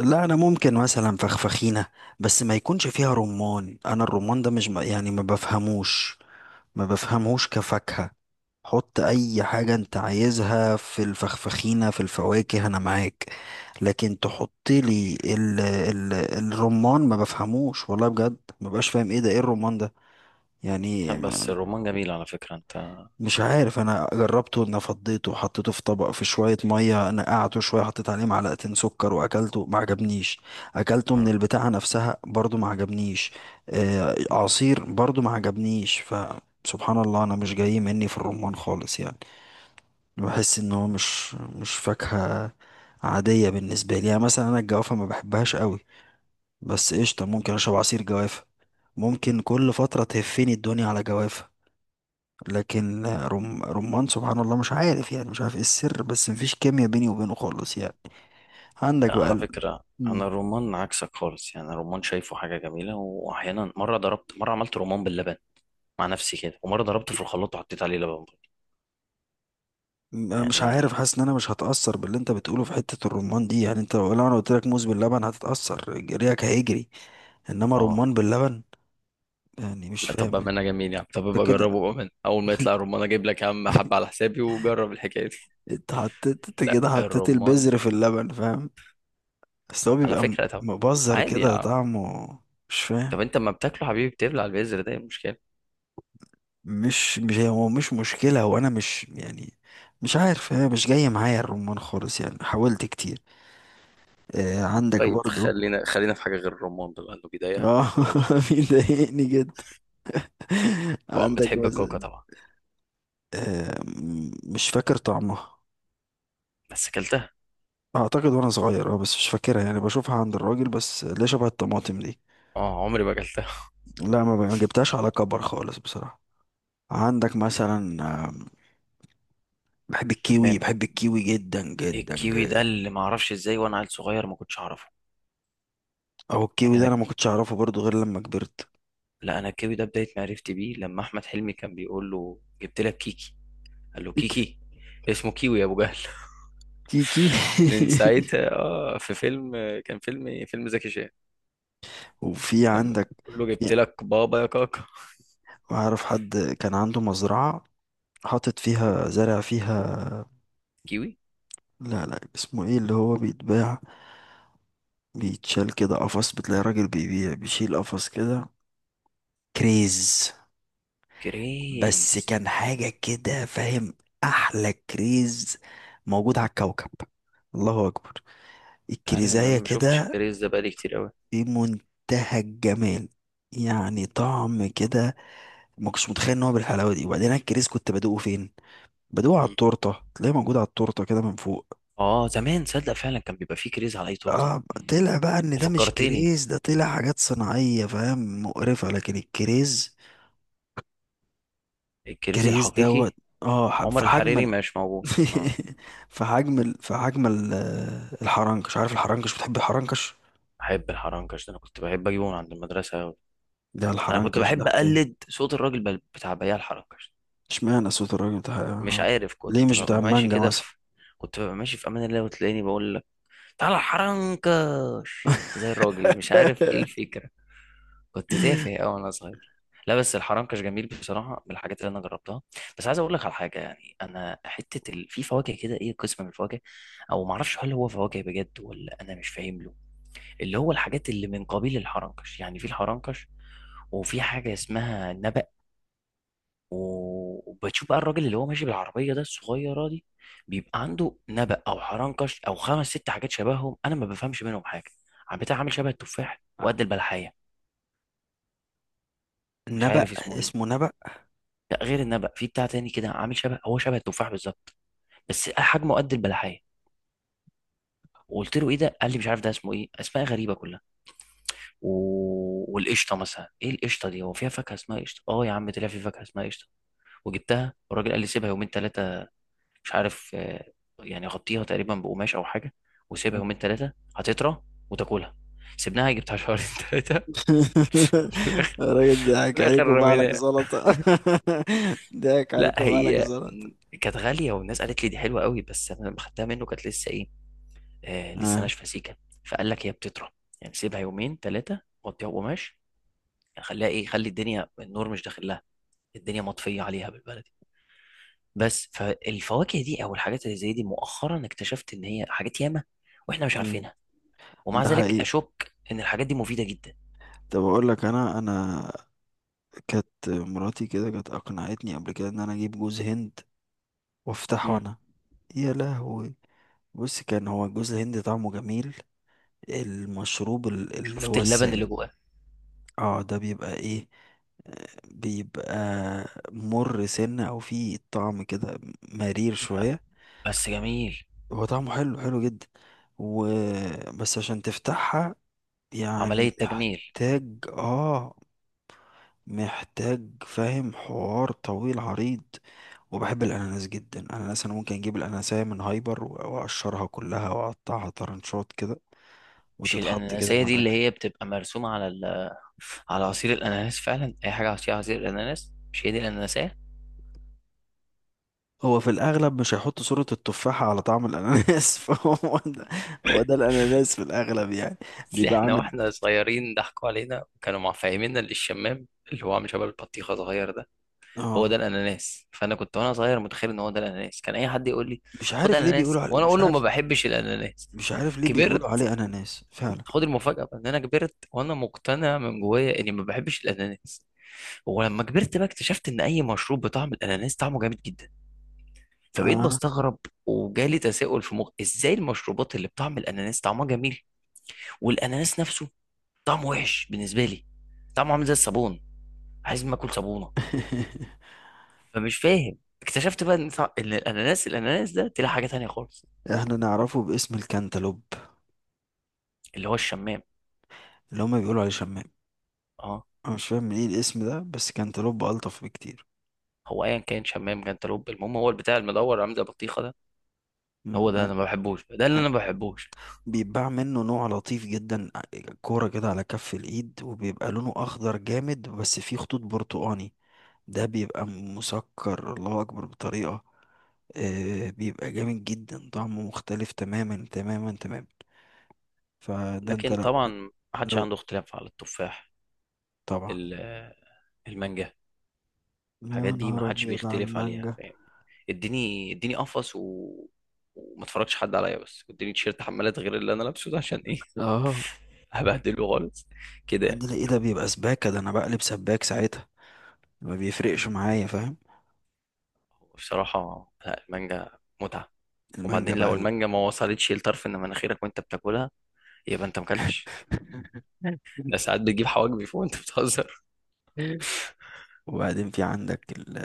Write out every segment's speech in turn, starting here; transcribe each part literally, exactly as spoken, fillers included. لا، انا ممكن مثلا فخفخينه، بس ما يكونش فيها رمان. انا الرمان ده مش م- يعني ما بفهموش، ما بفهمهوش كفاكهه. حط اي حاجه انت عايزها في الفخفخينه في الفواكه انا معاك، لكن تحط لي ال ال الرمان، ما بفهموش والله بجد. ما بقاش فاهم ايه ده، ايه الرمان ده يعني؟ لا، بس الرومان جميل على فكرة. انت مش عارف، انا جربته ان فضيته وحطيته في طبق في شويه ميه، نقعته شويه، حطيت عليه معلقتين سكر واكلته ما عجبنيش. اكلته من اه. البتاعه نفسها برضو ما عجبنيش. آه، عصير برضو ما عجبنيش. فسبحان الله، انا مش جاي مني في الرمان خالص يعني. بحس ان هو مش مش فاكهه عاديه بالنسبه لي. يعني مثلا انا الجوافه ما بحبهاش قوي، بس قشطه ممكن اشرب عصير جوافه، ممكن كل فتره تهفني الدنيا على جوافه، لكن رم... رمان سبحان الله مش عارف يعني، مش عارف ايه السر، بس مفيش كيمياء بيني وبينه خالص يعني. عندك لا، بقى على ال... فكرة انا مم. الرومان عكسك خالص، يعني الرومان شايفه حاجة جميلة، واحيانا مرة ضربت، مرة عملت رومان باللبن مع نفسي كده، ومرة ضربته في الخلاط وحطيت عليه لبن برضه. م- مش عارف، يعني حاسس ان انا مش هتأثر باللي انت بتقوله في حتة الرمان دي. يعني انت لو لو انا قلت لك موز باللبن هتتأثر، ريقك هيجري، انما اه. رمان باللبن يعني مش لا، طب فاهم. بأمانة جميل يعني. طب انت ابقى جربه كده بأمانة، اول ما يطلع الرومان اجيب لك يا عم حبة على حسابي وجرب الحكاية دي انت حطيت، انت لا كده حطيت الرومان البذر في اللبن فاهم، بس هو على بيبقى م- فكرة. طب مبذر عادي يا كده عم. طعمه. مش فاهم، طب انت اما بتاكله حبيبي بتبلع البذر ده، ايه المشكلة؟ مش مش هو مش مشكلة، هو أنا مش يعني مش عارف، هي مش جاية معايا الرمان خالص يعني، حاولت كتير. آه، عندك طيب برضو. خلينا خلينا في حاجة غير الرمان ده لأنه بيضايقك اه بلاش. بيضايقني جدا. طبعا عندك بتحب الكوكا مثلا طبعا، آه، م- مش فاكر طعمها. بس اكلتها. اعتقد وانا صغير، اه بس مش فاكرها يعني، بشوفها عند الراجل بس ليه شبه الطماطم دي. اه، عمري ما اكلتها. لا، ما ب- ما جبتهاش على كبر خالص بصراحة. عندك مثلا آه، بحب الكيوي، تمام. بحب الكيوي جدا جدا الكيوي ده جدا. اللي ما اعرفش ازاي وانا عيل صغير ما كنتش اعرفه او الكيوي يعني. ده انا انا ما كنتش اعرفه برضو غير لما كبرت. لا، انا الكيوي ده بدايه معرفتي بيه لما احمد حلمي كان بيقول له جبت لك كيكي، قال له كيكي. اسمه كيوي يا ابو جهل. تيكي. من ساعتها. اه، في فيلم، كان فيلم إيه؟ فيلم زكي شان، وفي لما عندك، بيقول له في، جبت لك بابا يا كاكا. أعرف حد كان عنده مزرعة، حاطط فيها، زرع فيها، كيوي. لا لا اسمه ايه اللي هو بيتباع، بيتشال كده قفص، بتلاقي راجل بيبيع بيشيل قفص كده، كريز. بس كريز. كان حاجة كده فاهم، أحلى كريز موجود على الكوكب. الله أكبر، انت عارف ان الكريزاية انا ما شفتش كده الكريز ده بقالي كتير قوي. في منتهى الجمال، يعني طعم كده ما كنتش متخيل ان هو بالحلاوه دي. وبعدين أنا الكريز كنت بدوقه فين؟ بدوق على مم. التورته، تلاقيه موجود على التورته كده من فوق. اه، زمان صدق فعلا كان بيبقى فيه كريز على اي تورته. اه طلع بقى ان ده مش فكرتني كريز، ده طلع حاجات صناعيه فاهم مقرفه، لكن الكريز الكريزي كريز الحقيقي، دوت. اه ح- في عمر حجم الحريري ال... مش موجود. اه. في حجم ال... في حجم ال... الحرنكش، عارف الحرنكش، بتحب الحرنكش؟ بحب الحرنكش، ده انا كنت بحب اجيبه من عند المدرسه أوي. ده انا كنت الحرنكش ده بحب حكاية. اقلد صوت الراجل بل- بتاع بياع الحرنكش. اشمعنى صوت الراجل بتاع مش الحرنكش؟ عارف، ليه كنت مش بتاع ببقى ماشي المانجا كده مثلا؟ في، كنت ببقى ماشي في امان الله وتلاقيني بقول لك تعالى الحرنكش زي الراجل، مش عارف ايه الفكره. كنت تافه قوي وانا صغير. لا، بس الحرنكش جميل بصراحه، من الحاجات اللي انا جربتها. بس عايز اقول لك على حاجه، يعني انا حته ال... في فواكه كده، ايه، قسم من الفواكه، او ما اعرفش هل هو فواكه بجد ولا انا مش فاهم له. اللي هو الحاجات اللي من قبيل الحرنكش، يعني في الحرنكش وفي حاجة اسمها نبأ، و- وبتشوف بقى الراجل اللي هو ماشي بالعربية ده الصغيرة دي، بيبقى عنده نبأ أو حرنكش أو خمس ست حاجات شبههم أنا ما بفهمش منهم حاجة. عم بتاع عامل شبه التفاح وقد البلحية. مش نبأ، عارف اسمه إيه. اسمه نبأ. لا، غير النبأ في بتاع تاني كده عامل شبه، هو شبه التفاح بالظبط، بس حجمه قد البلحية. وقلت له ايه ده، قال لي مش عارف ده اسمه ايه، اسماء غريبه كلها. و... والقشطه مثلا، ايه القشطه دي؟ هو فيها فاكهه اسمها قشطه؟ اه يا عم، طلع في فاكهه اسمها قشطه. وجبتها والراجل قال لي سيبها يومين ثلاثه، مش عارف، آه، يعني غطيها تقريبا بقماش او حاجه وسيبها يومين ثلاثه هتطرى وتاكلها. سيبناها، جبتها شهرين ثلاثه. في الاخر، الراجل في ضحك عليك الاخر وبعلك رميناها. زلطة. ضحك لا، عليك وبعلك هي زلطة. كانت غاليه والناس قالت لي دي حلوه قوي، بس انا لما خدتها منه كانت لسه ايه، آه لسه آه. ناشفه سيكه. فقال لك هي بتطرى، يعني سيبها يومين ثلاثه، غطيها بقماش، يعني خليها ايه، خلي الدنيا النور مش داخل لها، الدنيا مطفيه عليها بالبلد. بس فالفواكه دي او الحاجات اللي زي دي مؤخرا اكتشفت ان هي حاجات ياما واحنا مش مم. عارفينها. ومع ده ذلك حقيقي. اشك ان الحاجات دي مفيده جدا. طب اقول لك، انا انا كانت مراتي كده كانت اقنعتني قبل كده ان انا اجيب جوز هند وافتحه مم. انا. يا لهوي، بص، كان هو جوز الهند طعمه جميل، المشروب ال- اللي شفت هو اللبن اللي السائل. جواه. اه، ده بيبقى ايه، آه، بيبقى مر سنة او فيه طعم كده، مرير لا، شوية. بس جميل. هو طعمه حلو حلو جدا، و، بس عشان تفتحها عمليه يعني تجميل. محتاج اه، محتاج فاهم حوار طويل عريض. وبحب الاناناس جدا، الاناناس انا ممكن اجيب الاناناسية من هايبر و- واقشرها كلها واقطعها طرنشات كده مش وتتحط كده الاناناسيه مع دي اللي الاكل. هي بتبقى مرسومه على ال... على عصير الاناناس فعلا؟ اي حاجه عصير، عصير الاناناس مش هي دي الاناناسيه؟ هو في الاغلب مش هيحط صورة التفاحة على طعم الاناناس فهو ده، هو ده الاناناس في الاغلب يعني. اصل بيبقى احنا عامل، واحنا صغيرين ضحكوا علينا وكانوا مفهميننا اللي الشمام، اللي هو عامل شبه البطيخه صغير ده، هو اه ده الاناناس. فانا كنت وانا صغير متخيل ان هو ده الاناناس، كان اي حد يقول لي مش خد عارف ليه اناناس بيقولوا على... وانا مش اقول له ما عارف، بحبش الاناناس. مش عارف ليه بيقولوا كبرت، عليه اناناس فعلا. خد المفاجأة بقى، ان انا كبرت وانا مقتنع من جوايا اني ما بحبش الاناناس. ولما كبرت بقى اكتشفت ان اي مشروب بطعم الاناناس طعمه جامد جدا. فبقيت اه بستغرب. وجالي تساؤل في مخي، ازاي المشروبات اللي بطعم الاناناس طعمها جميل والاناناس نفسه طعمه وحش بالنسبة لي؟ طعمه عامل زي الصابون، عايز ما اكل صابونة. فمش فاهم. اكتشفت بقى ان طع- إن الاناناس الاناناس ده طلع حاجه تانية خالص، احنا نعرفه باسم الكنتالوب، اللي هو الشمام. اللي هما بيقولوا عليه شمام. اه. انا مش فاهم من ايه الاسم ده، بس كنتالوب الطف بكتير. هو ايا كان شمام جنتلوب، المهم هو البتاع المدور عامل زي البطيخه ده، مم، هو ده ال... انا ما بحبوش، ده اللي ال... انا ما بحبوش. بيتباع منه نوع لطيف جدا، ع- كورة كده على كف الايد، وبيبقى لونه اخضر جامد بس فيه خطوط برتقاني. ده بيبقى مسكر الله اكبر بطريقة، آه بيبقى جامد جدا، طعمه مختلف تماما تماما تماما. فده انت لكن لو، طبعا ما حدش لو، عنده اختلاف على التفاح، طبعا. ال- المانجا، يا الحاجات دي ما نهار حدش ابيض على بيختلف عليها المانجا. فاهم. اديني، اديني قفص و... وما اتفرجش حد عليا بس، واديني تيشيرت حمالات غير اللي انا لابسه ده، عشان ايه؟ اه هبهدله خالص كده يعني. عندنا ايه، ده بيبقى سباكة، ده انا بقلب سباك ساعتها، ما بيفرقش معايا فاهم. بصراحه لا، المانجا متعه. المانجا وبعدين بقى لو ال... المانجا ما وصلتش لطرف ان مناخيرك وانت بتاكلها يبقى انت مكلتش. ده ساعات بتجيب حواجبي فوق وانت بتهزر. وبعدين في عندك ال...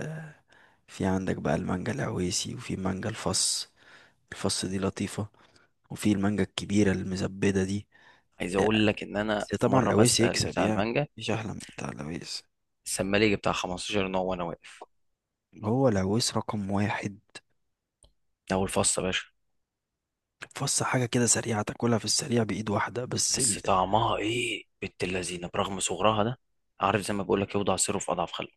في عندك بقى المانجا العويسي وفي مانجا الفص، الفص دي لطيفة، وفي المانجا الكبيرة المزبدة دي. عايز آه، اقول لك ان انا بس في طبعا مره العويس بسال يكسب بتاع يعني، المانجا مفيش أحلى من بتاع العويس. السمالي بتاع خمسة عشر نوع وانا واقف. هو العويس رقم واحد. ده اول فص يا باشا. فص حاجة كده سريعة تاكلها في السريع بإيد واحدة بس بس ال... طعمها ايه بنت اللذينه برغم صغرها ده. عارف زي ما بقول لك، يوضع سره في اضعف خلقه.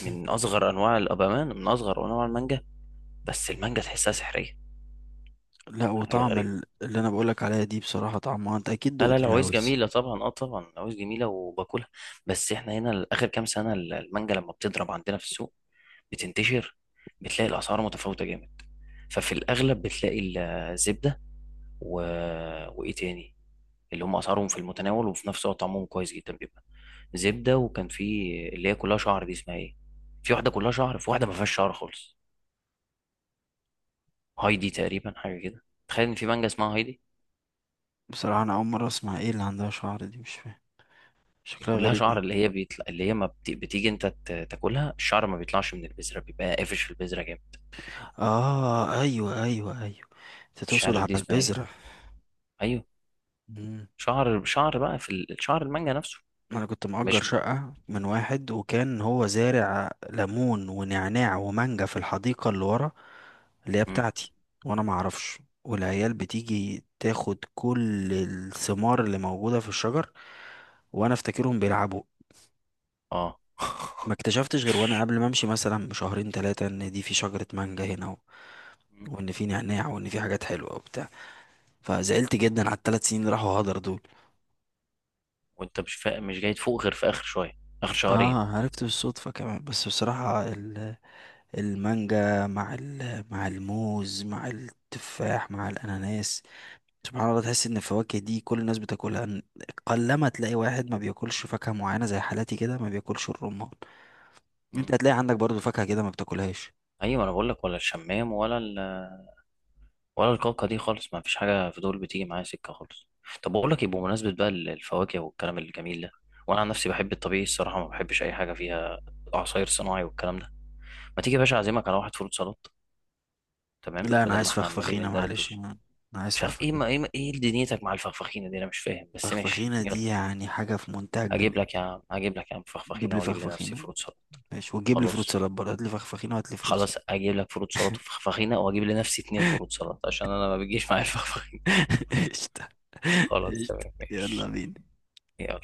من اصغر انواع الابامان، من اصغر انواع المانجا، بس المانجا تحسها سحريه. لا حاجه وطعم غريبه. ال- اللي أنا بقولك عليها دي بصراحة طعمها، أنت أكيد لا لا دقت العويس العويس. جميلة طبعا، اه طبعا العويس جميلة وباكلها. بس احنا هنا آخر كام سنة ال- المانجا لما بتضرب عندنا في السوق بتنتشر. بتلاقي الأسعار متفاوتة جامد. ففي الأغلب بتلاقي ال- الزبدة و... وإيه تاني، اللي هم أسعارهم في المتناول وفي نفس الوقت طعمهم كويس جدا، بيبقى زبدة. وكان في اللي هي كلها شعر دي، اسمها إيه؟ في واحدة كلها شعر، في واحدة ما فيهاش شعر خالص. هايدي تقريبا حاجة كده. تخيل إن في مانجا اسمها هايدي. بصراحة أنا أول مرة أسمع، إيه اللي عندها شعر دي؟ مش فاهم، شكلها كلها غريب شعر، أوي. اللي هي بيطلع، اللي هي ما بت... بتيجي انت ت- تاكلها الشعر ما بيطلعش من البذره، بيبقى قافش في البذره جامد. آه، أيوه أيوه أيوه، أنت مش تقصد عارف على دي اسمها ايه. البذرة. ايوه، مم. شعر شعر بقى في ال- شعر المانجا نفسه. أنا كنت مأجر مش. شقة من واحد، وكان هو زارع ليمون ونعناع ومانجا في الحديقة اللي ورا اللي هي مم. بتاعتي، وأنا معرفش، والعيال بتيجي تاخد كل الثمار اللي موجودة في الشجر وأنا أفتكرهم بيلعبوا. اه. ما اكتشفتش غير وأنا قبل ما أمشي مثلا بشهرين تلاتة إن دي في شجرة مانجا هنا، مم. وان في نعناع، وان في حاجات حلوه وبتاع. فزعلت جدا على التلات سنين اللي راحوا هدر دول. وانت مش فا... مش جاي تفوق غير في اخر شويه، اخر شهرين. اه عرفت بالصدفه كمان. بس بصراحه ال... المانجا مع ال... مع الموز مع التفاح مع الاناناس، سبحان الله تحس ان الفواكه دي كل الناس بتاكلها. ن- قلما تلاقي واحد ما بياكلش فاكهه معينه زي حالاتي كده ما بياكلش الرمان. انت مم. هتلاقي عندك برضو فاكهه كده ما بتاكلهاش. ايوه، انا بقول لك ولا الشمام ولا ال... ولا الكاكا دي خالص، ما فيش حاجه في دول بتيجي معايا سكه خالص. طب بقول لك ايه، بمناسبه بقى ال- الفواكه والكلام الجميل ده، وانا عن نفسي بحب الطبيعي الصراحه، ما بحبش اي حاجه فيها عصاير صناعي والكلام ده. ما تيجي يا باشا اعزمك على واحد فول سلطه تمام لا، انا بدل ما عايز احنا عمالين فخفخينه معلش. ندردش. انا أنا عايز مش عارف ايه فخفخينه. ما ايه ما ايه دنيتك مع الفخفخينه دي، انا مش فاهم، بس ماشي فخفخينه دي يلا. يعني حاجه في منتهى هجيب الجمال. لك يا عم هجيب لك يا عم جيب لي فخفخينه واجيب لنفسي فخفخينه. فروت سلطه. ماشي، وتجيب لي فروت خلاص. سلاد برضه، هات لي فخفخينه وهات لي فروت سلاد. خلاص اجيب لك فروت سلطه وفخفخينه واجيب لنفسي اتنين فروت سلطه عشان انا ما بيجيش معايا الفخفخينه. قشطة. خلاص قشطة، تمام يلا ماشي. بينا. يلا.